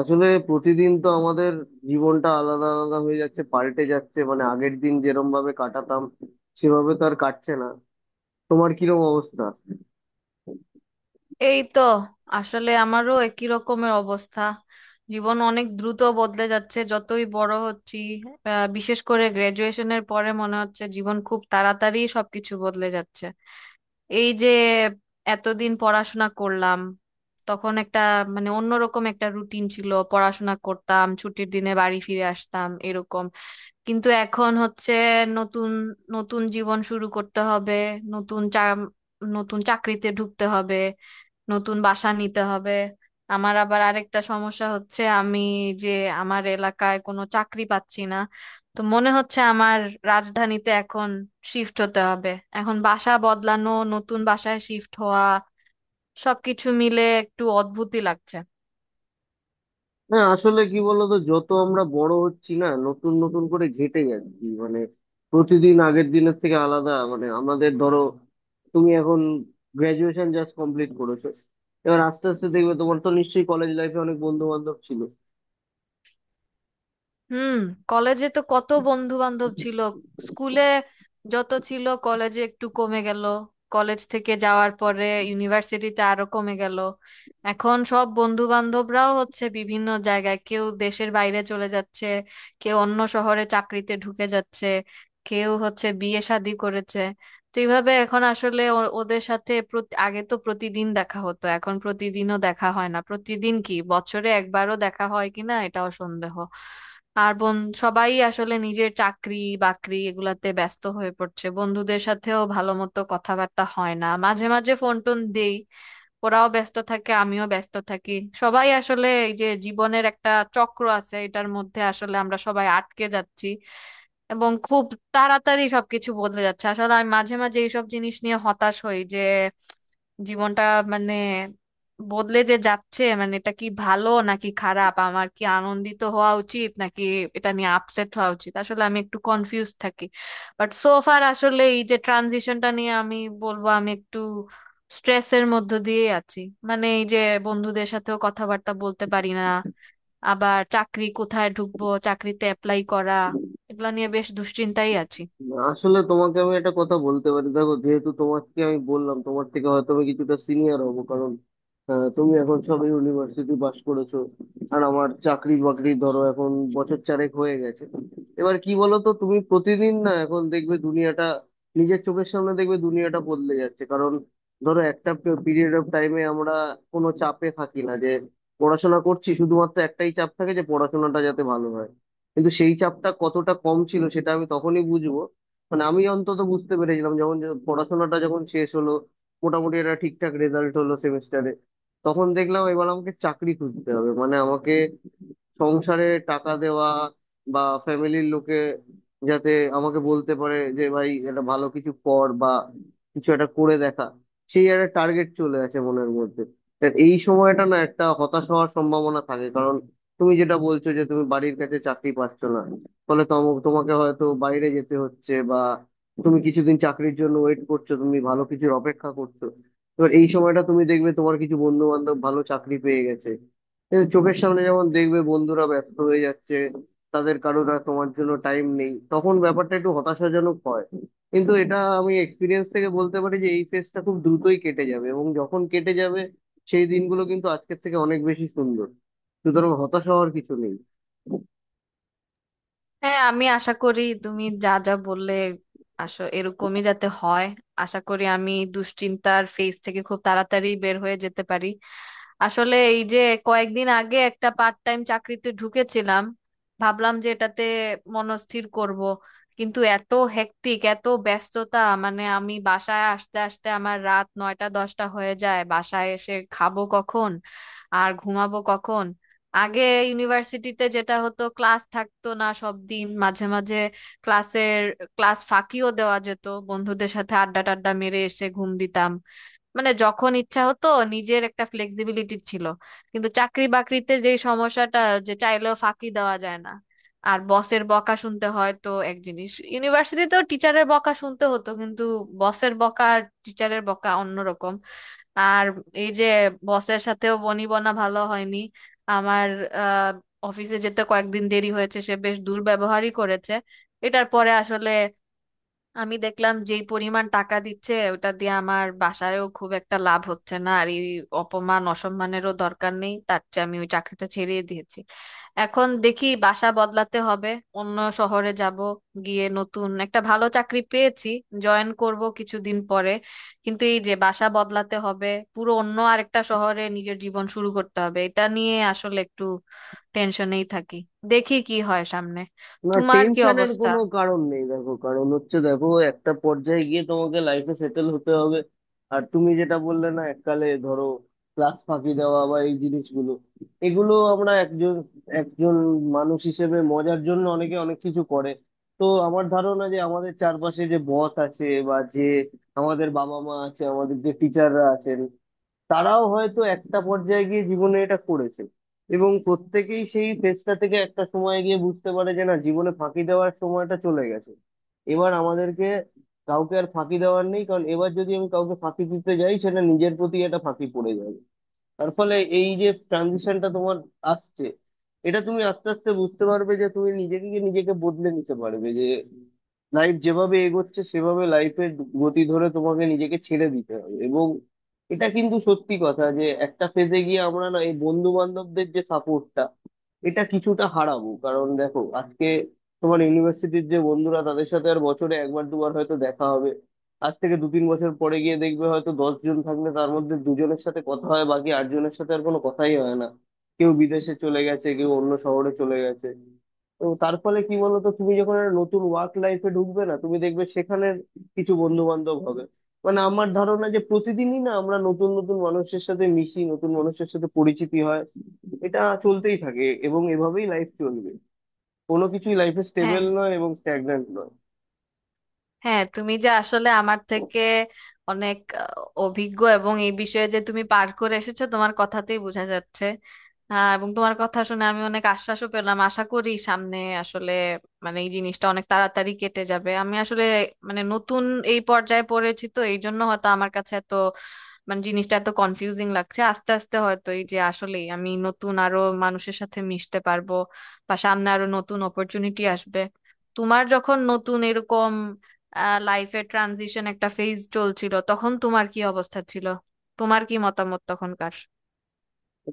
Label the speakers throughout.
Speaker 1: আসলে প্রতিদিন তো আমাদের জীবনটা আলাদা আলাদা হয়ে যাচ্ছে, পাল্টে যাচ্ছে। মানে আগের দিন যেরম ভাবে কাটাতাম, সেভাবে তো আর কাটছে না। তোমার কিরম অবস্থা?
Speaker 2: এই তো। আসলে আমারও একই রকমের অবস্থা। জীবন অনেক দ্রুত বদলে যাচ্ছে যতই বড় হচ্ছি। বিশেষ করে গ্রাজুয়েশনের পরে মনে হচ্ছে জীবন খুব তাড়াতাড়ি সবকিছু বদলে যাচ্ছে। এই যে এতদিন পড়াশোনা করলাম, তখন একটা মানে অন্যরকম একটা রুটিন ছিল, পড়াশোনা করতাম, ছুটির দিনে বাড়ি ফিরে আসতাম এরকম। কিন্তু এখন হচ্ছে নতুন নতুন জীবন শুরু করতে হবে, নতুন চা নতুন চাকরিতে ঢুকতে হবে, নতুন বাসা নিতে হবে। আমার আবার আরেকটা সমস্যা হচ্ছে আমি যে আমার এলাকায় কোনো চাকরি পাচ্ছি না। তো মনে হচ্ছে আমার রাজধানীতে এখন শিফট হতে হবে। এখন বাসা বদলানো, নতুন বাসায় শিফট হওয়া, সবকিছু মিলে একটু অদ্ভুতই লাগছে।
Speaker 1: হ্যাঁ, আসলে কি বলতো, যত আমরা বড় হচ্ছি না, নতুন নতুন করে ঘেঁটে যাচ্ছি। মানে প্রতিদিন আগের দিনের থেকে আলাদা। মানে আমাদের ধরো, তুমি এখন গ্রাজুয়েশন জাস্ট কমপ্লিট করেছো। এবার আস্তে আস্তে দেখবে, তোমার তো নিশ্চয়ই কলেজ লাইফে অনেক বন্ধু বান্ধব ছিল।
Speaker 2: হুম। কলেজে তো কত বন্ধু বান্ধব ছিল। স্কুলে যত ছিল কলেজে একটু কমে গেল, কলেজ থেকে যাওয়ার পরে ইউনিভার্সিটিতে আরো কমে গেল। এখন সব বন্ধু বান্ধবরাও হচ্ছে বিভিন্ন জায়গায়, কেউ দেশের বাইরে চলে যাচ্ছে, কেউ অন্য শহরে চাকরিতে ঢুকে যাচ্ছে, কেউ হচ্ছে বিয়ে শাদী করেছে। তো এইভাবে এখন আসলে ওদের সাথে আগে তো প্রতিদিন দেখা হতো, এখন প্রতিদিনও দেখা হয় না, প্রতিদিন কি বছরে একবারও দেখা হয় কিনা এটাও সন্দেহ। আর বোন সবাই আসলে নিজের চাকরি বাকরি এগুলাতে ব্যস্ত হয়ে পড়ছে, বন্ধুদের সাথেও ভালো মতো কথাবার্তা হয় না। মাঝে মাঝে ফোন টোন দেই, ওরাও ব্যস্ত থাকে আমিও ব্যস্ত থাকি। সবাই আসলে এই যে জীবনের একটা চক্র আছে এটার মধ্যে আসলে আমরা সবাই আটকে যাচ্ছি, এবং খুব তাড়াতাড়ি সবকিছু বদলে যাচ্ছে। আসলে আমি মাঝে মাঝে এইসব জিনিস নিয়ে হতাশ হই যে জীবনটা মানে বদলে যে যাচ্ছে, মানে এটা কি ভালো নাকি খারাপ, আমার কি আনন্দিত হওয়া উচিত নাকি এটা নিয়ে আপসেট হওয়া উচিত, আসলে আমি একটু কনফিউজ থাকি। বাট সো ফার আসলে এই যে ট্রানজিশনটা নিয়ে আমি বলবো আমি একটু স্ট্রেসের মধ্য দিয়ে আছি। মানে এই যে বন্ধুদের সাথেও কথাবার্তা বলতে পারি না, আবার চাকরি কোথায় ঢুকবো, চাকরিতে অ্যাপ্লাই করা, এগুলা নিয়ে বেশ দুশ্চিন্তাই আছি।
Speaker 1: আসলে তোমাকে আমি একটা কথা বলতে পারি, দেখো, যেহেতু তোমাকে আমি বললাম তোমার থেকে হয়তো আমি কিছুটা সিনিয়র হবো, কারণ তুমি এখন সবে ইউনিভার্সিটি পাস করেছো। আর আমার চাকরি বাকরি ধরো এখন বছর চারেক হয়ে গেছে। এবার কি বলো তো, তুমি প্রতিদিন না এখন দেখবে দুনিয়াটা, নিজের চোখের সামনে দেখবে দুনিয়াটা বদলে যাচ্ছে। কারণ ধরো, একটা পিরিয়ড অফ টাইমে আমরা কোনো চাপে থাকি না, যে পড়াশোনা করছি শুধুমাত্র একটাই চাপ থাকে, যে পড়াশোনাটা যাতে ভালো হয়। কিন্তু সেই চাপটা কতটা কম ছিল সেটা আমি তখনই বুঝবো। মানে আমি অন্তত বুঝতে পেরেছিলাম, যখন যে পড়াশোনাটা যখন শেষ হলো, মোটামুটি একটা ঠিকঠাক রেজাল্ট হলো সেমিস্টারে, তখন দেখলাম এবার আমাকে চাকরি খুঁজতে হবে। মানে আমাকে সংসারে টাকা দেওয়া, বা ফ্যামিলির লোকে যাতে আমাকে বলতে পারে যে ভাই এটা ভালো কিছু কর, বা কিছু একটা করে দেখা, সেই একটা টার্গেট চলে আসে মনের মধ্যে। তা এই সময়টা না একটা হতাশ হওয়ার সম্ভাবনা থাকে, কারণ তুমি যেটা বলছো যে তুমি বাড়ির কাছে চাকরি পাচ্ছ না, ফলে তোমাকে হয়তো বাইরে যেতে হচ্ছে, বা তুমি কিছুদিন চাকরির জন্য ওয়েট করছো, তুমি ভালো কিছুর অপেক্ষা করছো। এবার এই সময়টা তুমি দেখবে তোমার কিছু বন্ধু বান্ধব ভালো চাকরি পেয়ে গেছে, এ চোখের সামনে যেমন দেখবে বন্ধুরা ব্যস্ত হয়ে যাচ্ছে, তাদের কারোর আর তোমার জন্য টাইম নেই, তখন ব্যাপারটা একটু হতাশাজনক হয়। কিন্তু এটা আমি এক্সপিরিয়েন্স থেকে বলতে পারি যে এই ফেজটা খুব দ্রুতই কেটে যাবে, এবং যখন কেটে যাবে, সেই দিনগুলো কিন্তু আজকের থেকে অনেক বেশি সুন্দর। সুতরাং হতাশা হওয়ার কিছু নেই।
Speaker 2: হ্যাঁ, আমি আশা করি তুমি যা যা বললে আসো এরকমই যাতে হয়। আশা করি আমি দুশ্চিন্তার ফেজ থেকে খুব তাড়াতাড়ি বের হয়ে যেতে পারি। আসলে এই যে কয়েকদিন আগে একটা পার্ট টাইম চাকরিতে ঢুকেছিলাম, ভাবলাম যে এটাতে মনস্থির করব, কিন্তু এত হেক্টিক এত ব্যস্ততা, মানে আমি বাসায় আসতে আসতে আমার রাত 9টা 10টা হয়ে যায়, বাসায় এসে খাবো কখন আর ঘুমাবো কখন। আগে ইউনিভার্সিটিতে যেটা হতো ক্লাস থাকতো না সব দিন, মাঝে মাঝে ক্লাসের ক্লাস ফাঁকিও দেওয়া যেত, বন্ধুদের সাথে আড্ডা টাড্ডা মেরে এসে ঘুম দিতাম মানে যখন ইচ্ছা হতো, নিজের একটা ফ্লেক্সিবিলিটি ছিল। কিন্তু চাকরি বাকরিতে যে সমস্যাটা যে চাইলেও ফাঁকি দেওয়া যায় না, আর বসের বকা শুনতে হয়। তো এক জিনিস ইউনিভার্সিটিতেও টিচারের বকা শুনতে হতো, কিন্তু বসের বকা আর টিচারের বকা অন্যরকম। আর এই যে বসের সাথেও বনিবনা ভালো হয়নি আমার। আহ অফিসে যেতে কয়েকদিন দেরি হয়েছে, সে বেশ দুর্ব্যবহারই করেছে। এটার পরে আসলে আমি দেখলাম যেই পরিমাণ টাকা দিচ্ছে ওটা দিয়ে আমার বাসায়ও খুব একটা লাভ হচ্ছে না, আর এই অপমান অসম্মানেরও দরকার নেই, তার চেয়ে আমি ওই চাকরিটা ছেড়েই দিয়েছি। এখন দেখি বাসা বদলাতে হবে, অন্য শহরে যাব, গিয়ে নতুন একটা ভালো চাকরি পেয়েছি, জয়েন করব কিছুদিন পরে। কিন্তু এই যে বাসা বদলাতে হবে, পুরো অন্য আরেকটা শহরে নিজের জীবন শুরু করতে হবে, এটা নিয়ে আসলে একটু টেনশনেই থাকি। দেখি কি হয় সামনে।
Speaker 1: না,
Speaker 2: তোমার কি
Speaker 1: টেনশনের
Speaker 2: অবস্থা?
Speaker 1: কোনো কারণ নেই। দেখো, কারণ হচ্ছে, দেখো, একটা পর্যায়ে গিয়ে তোমাকে লাইফে সেটেল হতে হবে। আর তুমি যেটা বললে না, এককালে ধরো ক্লাস ফাঁকি দেওয়া বা এই জিনিসগুলো, এগুলো আমরা একজন একজন মানুষ হিসেবে মজার জন্য অনেকে অনেক কিছু করে। তো আমার ধারণা যে আমাদের চারপাশে যে বস আছে, বা যে আমাদের বাবা মা আছে, আমাদের যে টিচাররা আছেন, তারাও হয়তো একটা পর্যায়ে গিয়ে জীবনে এটা করেছে। এবং প্রত্যেকেই সেই ফেজটা থেকে একটা সময় গিয়ে বুঝতে পারে যে না, জীবনে ফাঁকি দেওয়ার সময়টা চলে গেছে, এবার আমাদেরকে কাউকে আর ফাঁকি দেওয়ার নেই। কারণ এবার যদি আমি কাউকে ফাঁকি দিতে যাই, সেটা নিজের প্রতি একটা ফাঁকি পড়ে যাবে। তার ফলে এই যে ট্রানজিশনটা তোমার আসছে, এটা তুমি আস্তে আস্তে বুঝতে পারবে যে তুমি নিজেকে গিয়ে নিজেকে বদলে নিতে পারবে, যে লাইফ যেভাবে এগোচ্ছে সেভাবে লাইফের গতি ধরে তোমাকে নিজেকে ছেড়ে দিতে হবে। এবং এটা কিন্তু সত্যি কথা যে একটা ফেজে গিয়ে আমরা না এই বন্ধু বান্ধবদের যে সাপোর্টটা, এটা কিছুটা হারাবো। কারণ দেখো, আজকে তোমার ইউনিভার্সিটির যে বন্ধুরা, তাদের সাথে আর বছরে একবার দুবার হয়তো দেখা হবে। আজ থেকে দু তিন বছর পরে গিয়ে দেখবে, হয়তো 10 জন থাকলে তার মধ্যে দুজনের সাথে কথা হয়, বাকি 8 জনের সাথে আর কোনো কথাই হয় না। কেউ বিদেশে চলে গেছে, কেউ অন্য শহরে চলে গেছে। তো তার ফলে কি বলতো, তুমি যখন একটা নতুন ওয়ার্ক লাইফে ঢুকবে না, তুমি দেখবে সেখানের কিছু বন্ধু বান্ধব হবে। মানে আমার ধারণা যে প্রতিদিনই না আমরা নতুন নতুন মানুষের সাথে মিশি, নতুন মানুষের সাথে পরিচিতি হয়, এটা চলতেই থাকে এবং এভাবেই লাইফ চলবে। কোনো কিছুই লাইফে স্টেবল
Speaker 2: হ্যাঁ,
Speaker 1: নয় এবং স্ট্যাগন্যান্ট নয়।
Speaker 2: হ্যাঁ, তুমি যে আসলে আমার থেকে অনেক অভিজ্ঞ এবং এই বিষয়ে যে তুমি পার করে এসেছো তোমার কথাতেই বোঝা যাচ্ছে। এবং তোমার কথা শুনে আমি অনেক আশ্বাসও পেলাম। আশা করি সামনে আসলে মানে এই জিনিসটা অনেক তাড়াতাড়ি কেটে যাবে। আমি আসলে মানে নতুন এই পর্যায়ে পড়েছি তো এই জন্য হয়তো আমার কাছে এত মানে জিনিসটা এত কনফিউজিং লাগছে। আস্তে আস্তে হয়তো এই যে আসলেই আমি নতুন আরো মানুষের সাথে মিশতে পারবো বা সামনে আরো নতুন অপরচুনিটি আসবে। তোমার যখন নতুন এরকম লাইফের ট্রানজিশন একটা ফেজ চলছিল তখন তোমার কি অবস্থা ছিল? তোমার কি মতামত তখনকার?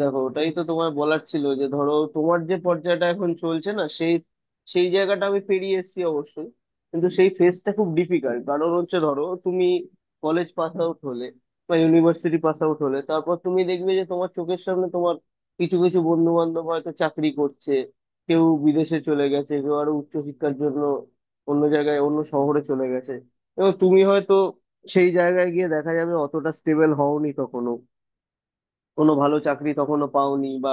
Speaker 1: দেখো, ওটাই তো তোমার বলার ছিল, যে ধরো তোমার যে পর্যায়টা এখন চলছে না, সেই সেই জায়গাটা আমি পেরিয়ে এসেছি অবশ্যই। কিন্তু সেই ফেজটা খুব ডিফিকাল্ট, কারণ হচ্ছে ধরো তুমি কলেজ পাস আউট হলে বা ইউনিভার্সিটি পাস আউট হলে, তারপর তুমি দেখবে যে তোমার চোখের সামনে তোমার কিছু কিছু বন্ধু বান্ধব হয়তো চাকরি করছে, কেউ বিদেশে চলে গেছে, কেউ আরো উচ্চশিক্ষার জন্য অন্য জায়গায় অন্য শহরে চলে গেছে। এবং তুমি হয়তো সেই জায়গায় গিয়ে দেখা যাবে অতটা স্টেবল হওনি তখনো, কোনো ভালো চাকরি তখনো পাওনি, বা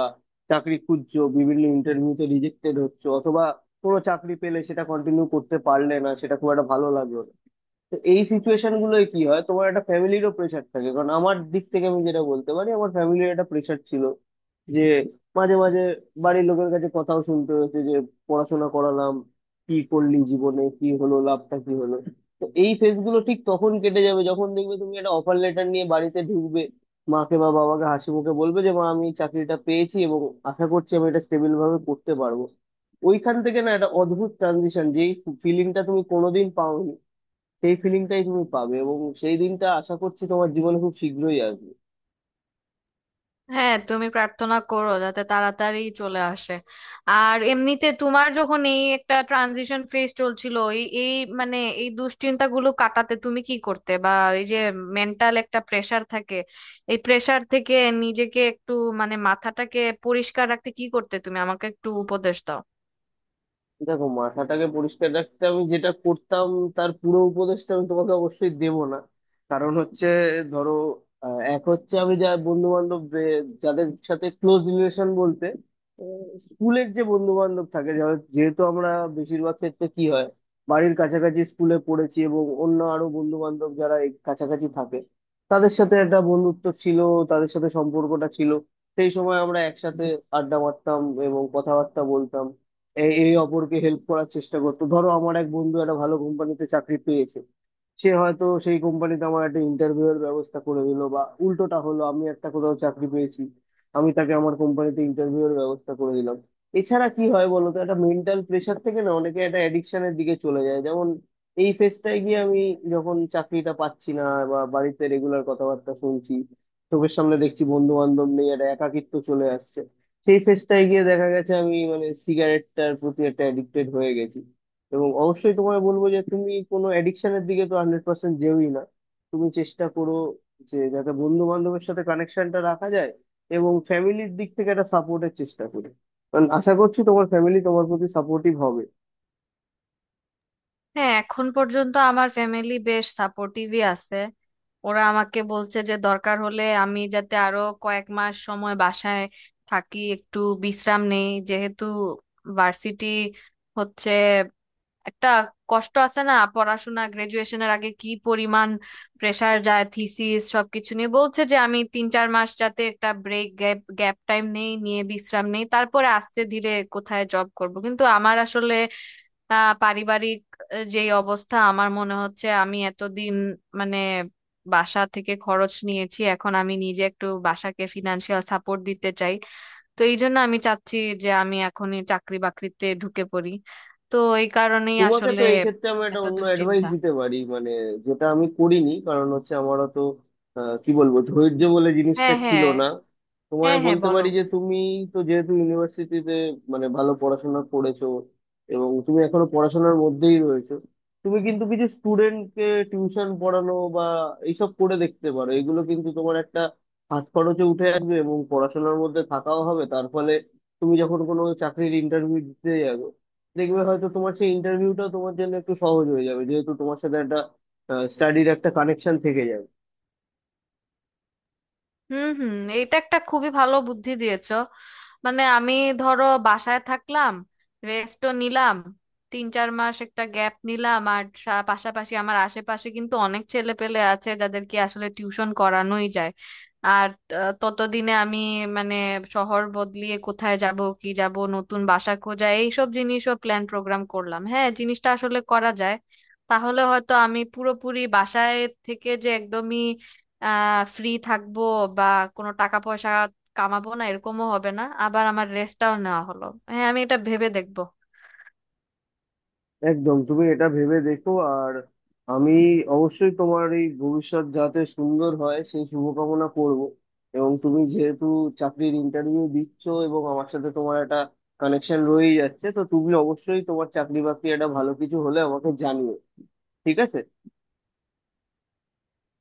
Speaker 1: চাকরি খুঁজছো, বিভিন্ন ইন্টারভিউতে রিজেক্টেড হচ্ছে, অথবা কোনো চাকরি পেলে সেটা কন্টিনিউ করতে পারলে না, সেটা খুব একটা ভালো লাগলো না। তো এই সিচুয়েশন গুলোয় কি হয়, তোমার একটা ফ্যামিলিরও প্রেশার থাকে। কারণ আমার দিক থেকে আমি যেটা বলতে পারি, আমার ফ্যামিলির একটা প্রেশার ছিল, যে মাঝে মাঝে বাড়ির লোকের কাছে কথাও শুনতে হয়েছে, যে পড়াশোনা করালাম, কি করলি জীবনে, কি হলো, লাভটা কি হলো। তো এই ফেজ গুলো ঠিক তখন কেটে যাবে যখন দেখবে তুমি একটা অফার লেটার নিয়ে বাড়িতে ঢুকবে, মাকে বা বাবাকে হাসি মুখে বলবে যে মা আমি এই চাকরিটা পেয়েছি এবং আশা করছি আমি এটা স্টেবল ভাবে করতে পারবো। ওইখান থেকে না একটা অদ্ভুত ট্রানজিশন, যেই ফিলিংটা তুমি কোনোদিন পাওনি, সেই ফিলিংটাই তুমি পাবে। এবং সেই দিনটা আশা করছি তোমার জীবনে খুব শীঘ্রই আসবে।
Speaker 2: হ্যাঁ, তুমি প্রার্থনা করো যাতে তাড়াতাড়ি চলে আসে। আর এমনিতে তোমার যখন এই একটা ট্রানজিশন ফেজ চলছিল এই এই মানে এই দুশ্চিন্তাগুলো কাটাতে তুমি কি করতে, বা এই যে মেন্টাল একটা প্রেসার থাকে, এই প্রেসার থেকে নিজেকে একটু মানে মাথাটাকে পরিষ্কার রাখতে কি করতে তুমি আমাকে একটু উপদেশ দাও।
Speaker 1: দেখো, মাথাটাকে পরিষ্কার রাখতে আমি যেটা করতাম, তার পুরো উপদেশটা আমি তোমাকে অবশ্যই দেব না। কারণ হচ্ছে ধরো, এক হচ্ছে আমি যা বন্ধু বান্ধব, যাদের সাথে ক্লোজ রিলেশন বলতে, স্কুলের যে বন্ধু বান্ধব থাকে, যেহেতু আমরা বেশিরভাগ ক্ষেত্রে কি হয়, বাড়ির কাছাকাছি স্কুলে পড়েছি, এবং অন্য আরো বন্ধু বান্ধব যারা এই কাছাকাছি থাকে, তাদের সাথে একটা বন্ধুত্ব ছিল, তাদের সাথে সম্পর্কটা ছিল, সেই সময় আমরা একসাথে আড্ডা মারতাম এবং কথাবার্তা বলতাম। এ- এ অপরকে হেল্প করার চেষ্টা করতো, ধরো আমার এক বন্ধু একটা ভালো কোম্পানিতে চাকরি পেয়েছে, সে হয়তো সেই কোম্পানিতে আমার একটা ইন্টারভিউ এর ব্যবস্থা করে দিল, বা উল্টোটা হলো আমি একটা কোথাও চাকরি পেয়েছি, আমি তাকে আমার কোম্পানিতে ইন্টারভিউ এর ব্যবস্থা করে দিলাম। এছাড়া কি হয় বলো তো, একটা মেন্টাল প্রেশার থেকে না অনেকে একটা অ্যাডিকশনের দিকে চলে যায়। যেমন এই ফেজটায় গিয়ে আমি, যখন চাকরিটা পাচ্ছি না বা বাড়িতে রেগুলার কথাবার্তা শুনছি, চোখের সামনে দেখছি বন্ধু বান্ধব নেই, একটা একাকিত্ব চলে আসছে, সেই ফেজটায় গিয়ে দেখা গেছে আমি মানে সিগারেটটার প্রতি একটা অ্যাডিক্টেড হয়ে গেছি। এবং অবশ্যই তোমায় বলবো যে তুমি কোনো অ্যাডিকশনের দিকে তো 100% যেওই না। তুমি চেষ্টা করো যে যাতে বন্ধু বান্ধবের সাথে কানেকশনটা রাখা যায়, এবং ফ্যামিলির দিক থেকে একটা সাপোর্টের চেষ্টা করো, কারণ আশা করছি তোমার ফ্যামিলি তোমার প্রতি সাপোর্টিভ হবে।
Speaker 2: হ্যাঁ, এখন পর্যন্ত আমার ফ্যামিলি বেশ সাপোর্টিভই আছে। ওরা আমাকে বলছে যে দরকার হলে আমি যাতে আরো কয়েক মাস সময় বাসায় থাকি, একটু বিশ্রাম নেই যেহেতু ভার্সিটি হচ্ছে একটা কষ্ট আছে না, পড়াশোনা গ্রাজুয়েশনের আগে কি পরিমাণ প্রেসার যায় থিসিস সবকিছু নিয়ে, বলছে যে আমি 3 4 মাস যাতে একটা ব্রেক গ্যাপ গ্যাপ টাইম নেই নিয়ে বিশ্রাম নেই, তারপরে আস্তে ধীরে কোথায় জব করব। কিন্তু আমার আসলে তা পারিবারিক যে অবস্থা আমার মনে হচ্ছে আমি এতদিন মানে বাসা থেকে খরচ নিয়েছি, এখন আমি নিজে একটু বাসাকে ফিনান্সিয়াল সাপোর্ট দিতে চাই। তো এই জন্য আমি চাচ্ছি যে আমি এখনই চাকরি বাকরিতে ঢুকে পড়ি। তো এই কারণেই
Speaker 1: তোমাকে তো
Speaker 2: আসলে
Speaker 1: এই ক্ষেত্রে আমি একটা
Speaker 2: এত
Speaker 1: অন্য অ্যাডভাইস
Speaker 2: দুশ্চিন্তা।
Speaker 1: দিতে পারি, মানে যেটা আমি করিনি। কারণ হচ্ছে আমারও তো কি বলবো, ধৈর্য বলে জিনিসটা
Speaker 2: হ্যাঁ,
Speaker 1: ছিল
Speaker 2: হ্যাঁ।
Speaker 1: না। তোমায়
Speaker 2: হ্যাঁ, হ্যাঁ,
Speaker 1: বলতে
Speaker 2: বলো।
Speaker 1: পারি যে তুমি তো যেহেতু ইউনিভার্সিটিতে, মানে ভালো পড়াশোনা করেছো এবং তুমি এখনো পড়াশোনার মধ্যেই রয়েছো, তুমি কিন্তু কিছু স্টুডেন্টকে টিউশন পড়ানো বা এইসব করে দেখতে পারো। এগুলো কিন্তু তোমার একটা হাত খরচে উঠে আসবে এবং পড়াশোনার মধ্যে থাকাও হবে, তার ফলে তুমি যখন কোনো চাকরির ইন্টারভিউ দিতে যাবে, দেখবে হয়তো তোমার সেই ইন্টারভিউটা তোমার জন্য একটু সহজ হয়ে যাবে, যেহেতু তোমার সাথে একটা স্টাডির একটা কানেকশন থেকে যাবে।
Speaker 2: হুম, হুম, এটা একটা খুবই ভালো বুদ্ধি দিয়েছো। মানে আমি ধরো বাসায় থাকলাম, রেস্টও নিলাম, 3 4 মাস একটা গ্যাপ নিলাম, আর পাশাপাশি আমার আশেপাশে কিন্তু অনেক ছেলে পেলে আছে যাদেরকে আসলে টিউশন করানোই যায়। আর ততদিনে আমি মানে শহর বদলিয়ে কোথায় যাব কি যাব, নতুন বাসা খোঁজা, এইসব জিনিসও প্ল্যান প্রোগ্রাম করলাম। হ্যাঁ, জিনিসটা আসলে করা যায়। তাহলে হয়তো আমি পুরোপুরি বাসায় থেকে যে একদমই ফ্রি থাকবো বা কোনো টাকা পয়সা কামাবো না এরকমও হবে না, আবার আমার রেস্টটাও নেওয়া হলো। হ্যাঁ, আমি এটা ভেবে দেখবো।
Speaker 1: একদম তুমি এটা ভেবে দেখো। আর আমি অবশ্যই তোমার এই ভবিষ্যৎ যাতে সুন্দর হয় সেই শুভকামনা করব। এবং তুমি যেহেতু চাকরির ইন্টারভিউ দিচ্ছ এবং আমার সাথে তোমার একটা কানেকশন রয়েই যাচ্ছে, তো তুমি অবশ্যই তোমার চাকরি বাকরি একটা ভালো কিছু হলে আমাকে জানিও। ঠিক আছে?